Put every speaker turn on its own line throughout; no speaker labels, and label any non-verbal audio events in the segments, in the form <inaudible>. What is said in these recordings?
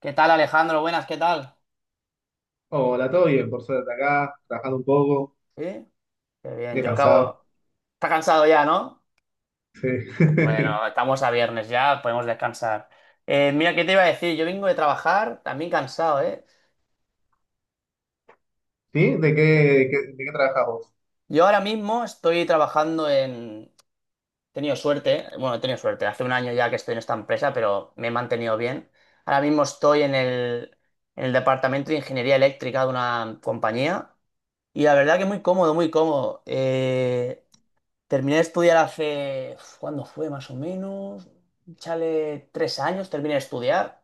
¿Qué tal, Alejandro? Buenas, ¿qué tal?
Hola, todo bien, por suerte acá, trabajando un poco,
¿Sí? Qué bien,
muy
yo
cansado.
acabo. Está cansado ya, ¿no?
Sí. <laughs>
Bueno, estamos a viernes ya, podemos descansar. Mira, ¿qué te iba a decir? Yo vengo de trabajar, también cansado, ¿eh?
¿Sí? ¿De qué, de qué trabajas vos?
Yo ahora mismo estoy trabajando en... He tenido suerte, bueno, he tenido suerte, hace un año ya que estoy en esta empresa, pero me he mantenido bien. Ahora mismo estoy en en el departamento de ingeniería eléctrica de una compañía y la verdad que muy cómodo, muy cómodo. Terminé de estudiar hace, uf, ¿cuándo fue más o menos? Chale, 3 años terminé de estudiar.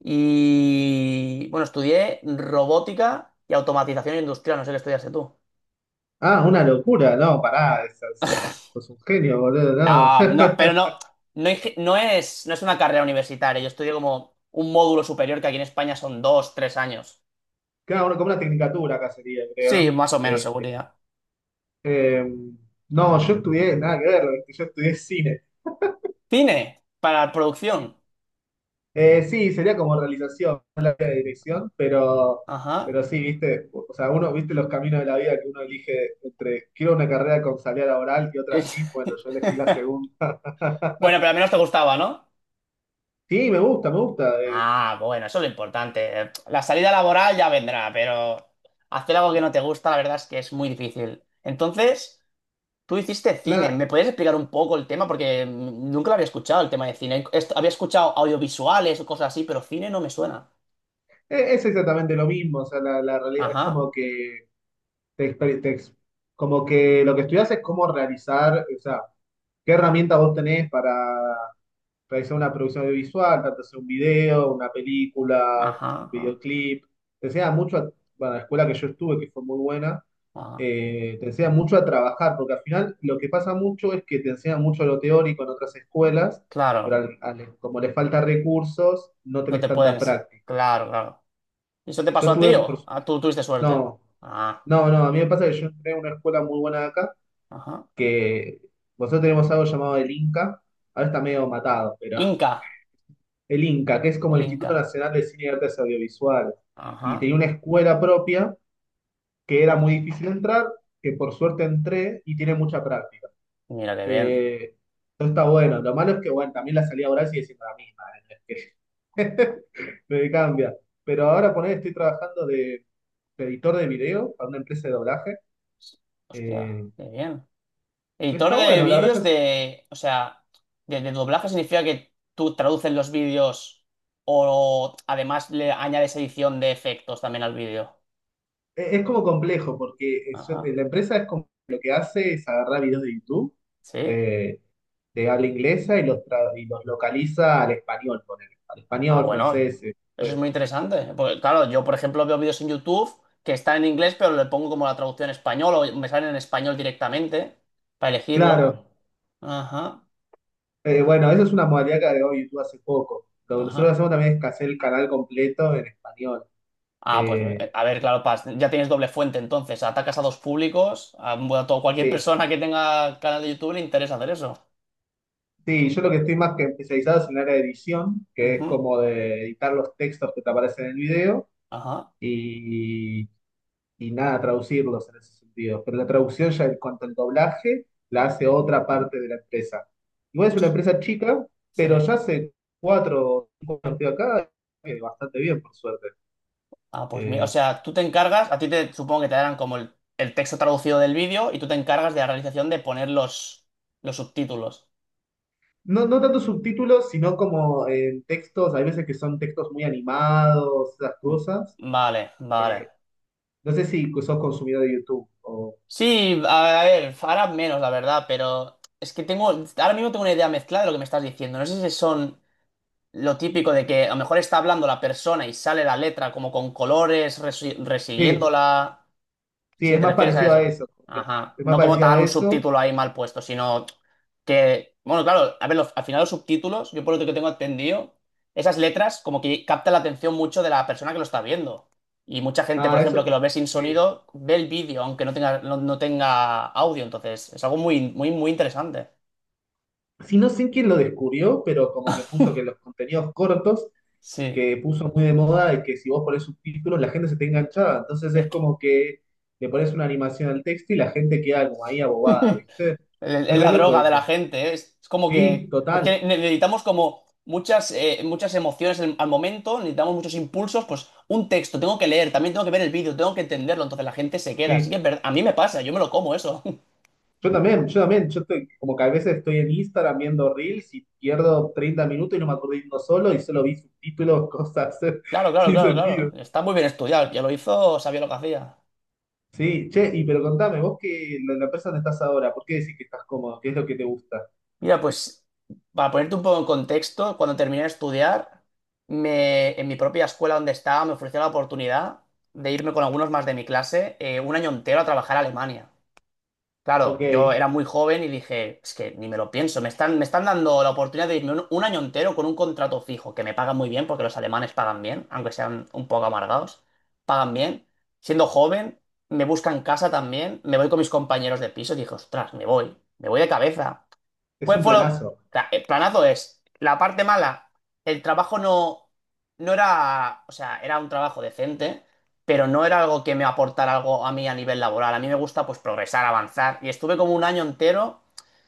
Y bueno, estudié robótica y automatización industrial, no sé qué estudiaste tú.
Ah, una locura, no, pará, sos un genio, boludo, no.
No, no, pero no,
<laughs>
no, no es, no es una carrera universitaria, yo estudié como un módulo superior que aquí en España son dos, tres años.
Claro, uno como una tecnicatura acá sería,
Sí,
creo.
más o menos
Eh,
seguridad.
eh, no, yo estudié, nada que ver, ¿viste? Yo estudié cine.
Cine, para producción.
Sí, sería como realización, no la dirección, pero,
Ajá.
pero sí, viste, o sea, uno, viste los caminos de la vida que uno elige entre quiero una carrera con salida laboral y otra sí, bueno, yo elegí la
<laughs>
segunda.
Bueno, pero al menos te gustaba, ¿no?
Sí, me gusta, me gusta.
Ah, bueno, eso es lo importante. La salida laboral ya vendrá, pero hacer algo que no te gusta, la verdad es que es muy difícil. Entonces, tú hiciste cine.
La-
¿Me puedes explicar un poco el tema? Porque nunca lo había escuchado, el tema de cine. Había escuchado audiovisuales o cosas así, pero cine no me suena.
es exactamente lo mismo, o sea, la realidad es
Ajá,
como que te, exper- te ex- como que lo que estudias es cómo realizar, o sea, qué herramientas vos tenés para realizar una producción audiovisual, tanto sea un video, una película, un
ajá, ajá,
videoclip. Te enseña mucho, bueno, la escuela que yo estuve, que fue muy buena,
ajá.
te enseña mucho a trabajar, porque al final lo que pasa mucho es que te enseñan mucho lo teórico en otras escuelas, pero
Claro,
como les falta recursos, no
no
tenés
te
tanta
pueden...
práctica.
Claro, claro. ¿Y eso te pasó
Yo
a ti
tuve, por
o
su-
ah, tú tuviste suerte?
no,
Ah,
No, no, a mí me pasa que yo entré en una escuela muy buena de acá,
ajá.
que nosotros tenemos algo llamado el Inca, ahora está medio matado, pero
Inca,
el INCA, que es como
el
el Instituto
Inca.
Nacional de Cine y Artes Audiovisuales, y
Ajá,
tenía una escuela propia que era muy difícil entrar, que por suerte entré y tiene mucha práctica.
mira qué bien.
Eh, eso está bueno, lo malo es que bueno, también la salida laboral sigue siendo la misma, no es que <laughs> me cambia. Pero ahora poner, estoy trabajando de editor de video para una empresa de doblaje.
Hostia,
eh,
qué bien. Editor
Está
de
bueno, la verdad
vídeos
ya
de, o sea, de doblaje significa que tú traduces los vídeos o además le añades edición de efectos también al vídeo.
es como complejo, porque eso-
Ajá,
la empresa es como lo que hace es agarrar videos de YouTube,
sí.
eh, de habla inglesa y y los localiza al español, ponele, al
Ah,
español,
bueno,
francés.
eso es
Pues,
muy interesante. Porque, claro, yo, por ejemplo, veo vídeos en YouTube que están en inglés, pero le pongo como la traducción en español o me salen en español directamente para elegirlo.
claro.
Ajá,
Bueno, esa es una modalidad que agregó YouTube hace poco. Lo que nosotros
ajá.
hacemos también es que hacer el canal completo en español.
Ah, pues
Eh,
a ver, claro, ya tienes doble fuente entonces. Atacas a dos públicos, a, bueno, a todo- cualquier
sí,
persona que tenga canal de YouTube le interesa hacer eso.
sí, yo lo que estoy más que especializado es en el área de edición, que es
Ujú,
como de editar los textos que te aparecen en el video.
ajá.
Y y nada, traducirlos en ese sentido. Pero la traducción ya en cuanto al doblaje la hace otra parte de la empresa. Igual es una empresa chica, pero
Sí.
ya hace cuatro o cinco años que estoy acá, bastante bien, por suerte.
Ah, pues mira, o
Eh,
sea, tú te encargas, a ti te supongo que te darán como el texto traducido del vídeo y tú te encargas de la realización de poner los subtítulos.
no, no tanto subtítulos, sino como en textos, hay veces que son textos muy animados, esas
Mm,
cosas.
vale, vale.
Eh, no sé si sos consumidor de YouTube o...
Sí, a ver, ahora menos, la verdad, pero es que tengo, ahora mismo tengo una idea mezclada de lo que me estás diciendo. No sé si son... Lo típico de que a lo mejor está hablando la persona y sale la letra como con colores,
Sí,
resiguiéndola.
sí,
Si
es
te
más
refieres a
parecido a
eso.
eso.
Ajá.
Es más
No como
parecido
tal
a
un
eso.
subtítulo ahí mal puesto, sino que. Bueno, claro, a ver, los- al final los subtítulos, yo por lo que tengo entendido, esas letras como que captan la atención mucho de la persona que lo está viendo. Y mucha gente, por
Ah,
ejemplo,
eso.
que lo ve sin
Sí.
sonido, ve el vídeo, aunque no tenga, no, no tenga audio. Entonces, es algo muy, muy, muy interesante.
Si no sé quién lo descubrió, pero como que puso que los contenidos cortos,
Sí.
que puso muy de moda, y que si vos pones subtítulos la gente se te enganchada. Entonces
Es
es
que...
como que le pones una animación al texto y la gente queda como ahí abobada,
<laughs>
¿viste?
Es
Es
es
re
la
loco
droga de la
eso.
gente, ¿eh? Es como
Sí,
que, es
total,
que necesitamos como muchas, muchas emociones en- al momento, necesitamos muchos impulsos, pues un texto, tengo que leer, también tengo que ver el vídeo, tengo que entenderlo, entonces la gente se queda. Así
sí.
que es verdad, a mí me pasa, yo me lo como eso. <laughs>
Yo también, yo también, yo estoy, como que a veces estoy en Instagram viendo Reels y pierdo 30 minutos y no me acuerdo de uno solo y solo vi subtítulos, cosas
Claro,
<laughs>
claro,
sin
claro, claro.
sentido.
Está muy bien estudiado, el que lo hizo sabía lo que hacía.
Sí, che, y pero contame, vos que la empresa donde estás ahora, ¿por qué decís que estás cómodo? ¿Qué es lo que te gusta?
Mira, pues para ponerte un poco en contexto, cuando terminé de estudiar, en mi propia escuela donde estaba me ofreció la oportunidad de irme con algunos más de mi clase un año entero a trabajar a Alemania.
Ok,
Claro, yo era muy joven y dije, es que ni me lo pienso, me están dando la oportunidad de irme un año entero con un contrato fijo, que me pagan muy bien, porque los alemanes pagan bien, aunque sean un poco amargados, pagan bien. Siendo joven, me buscan casa también, me voy con mis compañeros de piso y dije, ostras, me voy de cabeza.
es
¿Cuál
un
fue lo...? O
planazo.
el planazo es, la parte mala, el trabajo no, no era, o sea, era un trabajo decente, pero no era algo que me aportara algo a mí a nivel laboral. A mí me gusta pues progresar, avanzar. Y estuve como un año entero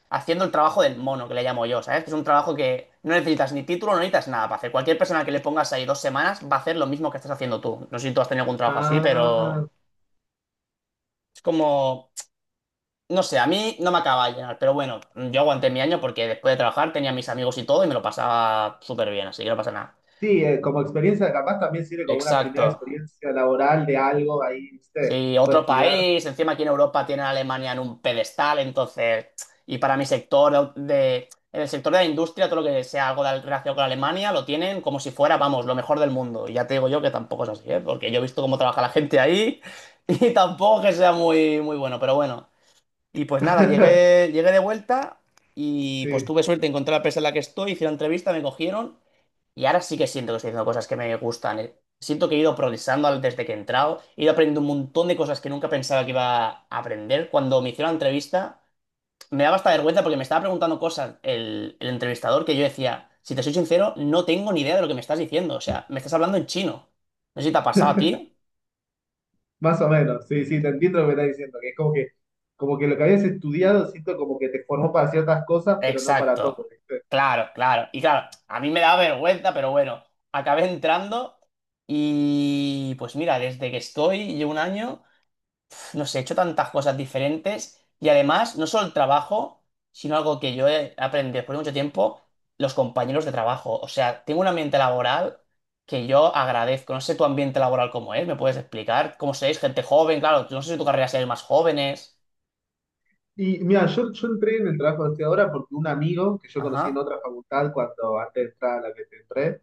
haciendo el trabajo del mono, que le llamo yo, ¿sabes? Que es un trabajo que no necesitas ni título, no necesitas nada para hacer. Cualquier persona que le pongas ahí 2 semanas va a hacer lo mismo que estás haciendo tú. No sé si tú has tenido algún trabajo así, pero
Ah,
es como no sé, a mí no me acaba de llenar, pero bueno, yo aguanté mi año porque después de trabajar tenía a mis amigos y todo y me lo pasaba súper bien, así que no pasa nada.
sí, como experiencia capaz también sirve como una primera
Exacto.
experiencia laboral de algo ahí, ¿viste?
Sí,
Puedes
otro
estudiar.
país, encima aquí en Europa tienen a Alemania en un pedestal, entonces, y para mi sector de, en el sector de la industria, todo lo que sea algo de relación con Alemania, lo tienen como si fuera, vamos, lo mejor del mundo. Y ya te digo yo que tampoco es así, ¿eh? Porque yo he visto cómo trabaja la gente ahí <laughs> y tampoco que sea muy, muy bueno, pero bueno. Y pues nada,
<laughs>
llegué, llegué de vuelta y pues
Sí,
tuve suerte, encontré la empresa en la que estoy, hice la entrevista, me cogieron y ahora sí que siento que estoy haciendo cosas que me gustan. Siento que he ido progresando desde que he entrado, he ido aprendiendo un montón de cosas que nunca pensaba que iba a aprender. Cuando me hicieron la entrevista, me daba hasta vergüenza porque me estaba preguntando cosas el entrevistador que yo decía, si te soy sincero, no tengo ni idea de lo que me estás diciendo. O sea, me estás hablando en chino. No sé si te ha pasado a ti.
más o menos, sí, sí, te entiendo lo que estás diciendo, que es como que lo que habías estudiado, siento como que te formó para ciertas cosas, pero no para
Exacto.
todo, ¿viste?
Claro, claro. Y claro, a mí me da vergüenza, pero bueno, acabé entrando y pues mira, desde que estoy, llevo un año, no sé, he hecho tantas cosas diferentes y además, no solo el trabajo, sino algo que yo he aprendido después de mucho tiempo, los compañeros de trabajo. O sea, tengo un ambiente laboral que yo agradezco. No sé tu ambiente laboral cómo es, ¿me puedes explicar cómo sois? Gente joven, claro, no sé si tu carrera sea más jóvenes.
Y mira, yo entré en el trabajo de ahora porque un amigo que yo conocí en
Ajá,
otra facultad cuando antes de entrar a la que te entré,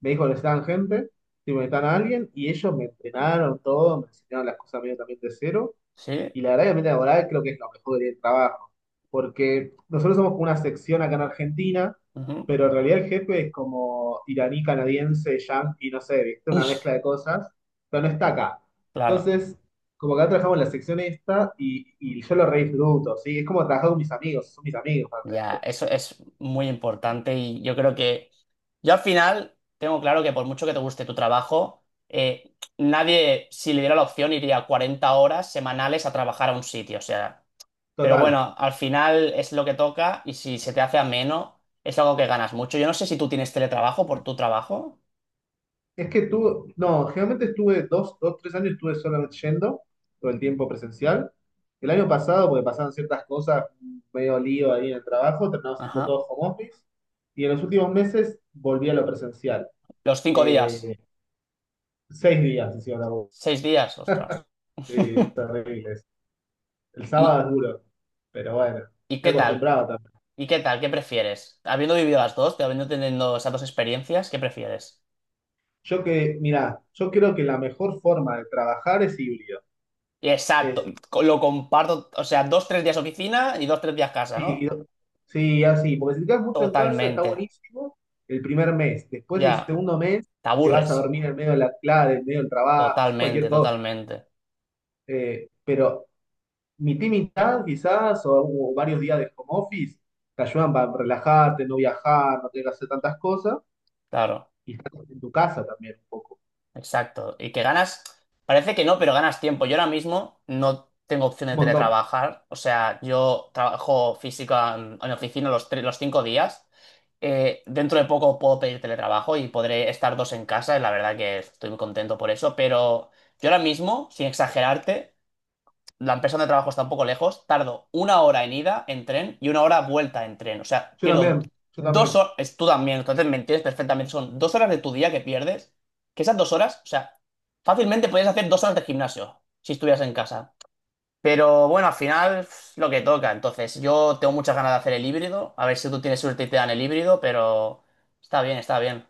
me dijo que necesitaban gente, si me necesitaban a alguien, y ellos me entrenaron todo, me enseñaron las cosas medio también de cero,
sí.
y la verdad que el ambiente laboral creo que es lo mejor del trabajo, porque nosotros somos como una sección acá en Argentina,
Ujú.
pero en realidad el jefe es como iraní, canadiense, yanqui, no sé, ¿viste? Una mezcla
<laughs>
de cosas, pero no está acá.
Claro.
Entonces, como que acá trabajamos en la sección esta, y yo lo re disfruto, ¿sí? Es como trabajar con mis amigos, son mis amigos
Ya,
realmente.
eso es muy importante y yo creo que yo al final tengo claro que por mucho que te guste tu trabajo, nadie, si le diera la opción, iría 40 horas semanales a trabajar a un sitio, o sea, pero
Total.
bueno, al final es lo que toca y si se te hace ameno, es algo que ganas mucho. Yo no sé si tú tienes teletrabajo por tu trabajo.
Es que tuve, no, generalmente estuve dos, tres años estuve solamente yendo, todo el tiempo presencial. El año pasado, porque pasaban ciertas cosas, medio lío ahí en el trabajo, terminamos haciendo
Ajá.
todo home office. Y en los últimos meses volví a lo presencial.
Los 5 días,
Eh, Seis días hicieron la voz.
6 días, ostras.
Sí,
<laughs>
terribles. El sábado
¿Y,
es duro, pero bueno,
y
estoy
qué tal?
acostumbrado también.
¿Y qué tal? ¿Qué prefieres? Habiendo vivido las dos, habiendo tenido esas dos experiencias, ¿qué prefieres?
Yo que, mirá, yo creo que la mejor forma de trabajar es híbrido.
Exacto,
Es
lo comparto, o sea, dos, tres días oficina y dos, tres días casa,
Sí,
¿no?
sí, así, porque si te quedas mucho en casa está
Totalmente,
buenísimo el primer mes, después
ya,
el segundo mes
te
te vas a
aburres,
dormir en medio de la clase, en medio del trabajo, haces cualquier
totalmente,
cosa.
totalmente,
Pero mitad y mitad quizás, o varios días de home office, te ayudan para relajarte, no viajar, no tener que hacer tantas cosas,
claro,
y estás en tu casa también un poco,
exacto. Y que ganas, parece que no, pero ganas tiempo. Yo ahora mismo no tengo opción
un
de
montón.
teletrabajar, o sea, yo trabajo física en oficina los, tres, los 5 días. Dentro de poco puedo pedir teletrabajo y podré estar dos en casa, y la verdad que estoy muy contento por eso, pero yo ahora mismo, sin exagerarte, la empresa donde trabajo está un poco lejos, tardo una hora en ida en tren y una hora vuelta en tren. O sea,
Yo
pierdo
también, yo
dos
también.
horas, tú también, entonces me entiendes perfectamente, son 2 horas de tu día que pierdes, que esas 2 horas, o sea, fácilmente podrías hacer 2 horas de gimnasio si estuvieras en casa. Pero bueno, al final pf, lo que toca. Entonces, yo tengo muchas ganas de hacer el híbrido. A ver si tú tienes suerte y te dan el híbrido, pero está bien, está bien.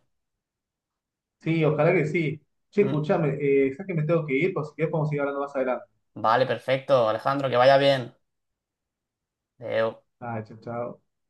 Sí, ojalá que sí. Che,
Mm.
escuchame, ¿sabes que me tengo que ir? Por si querés podemos seguir hablando más adelante.
Vale, perfecto, Alejandro, que vaya bien. Adeu.
Ah, chao, chao.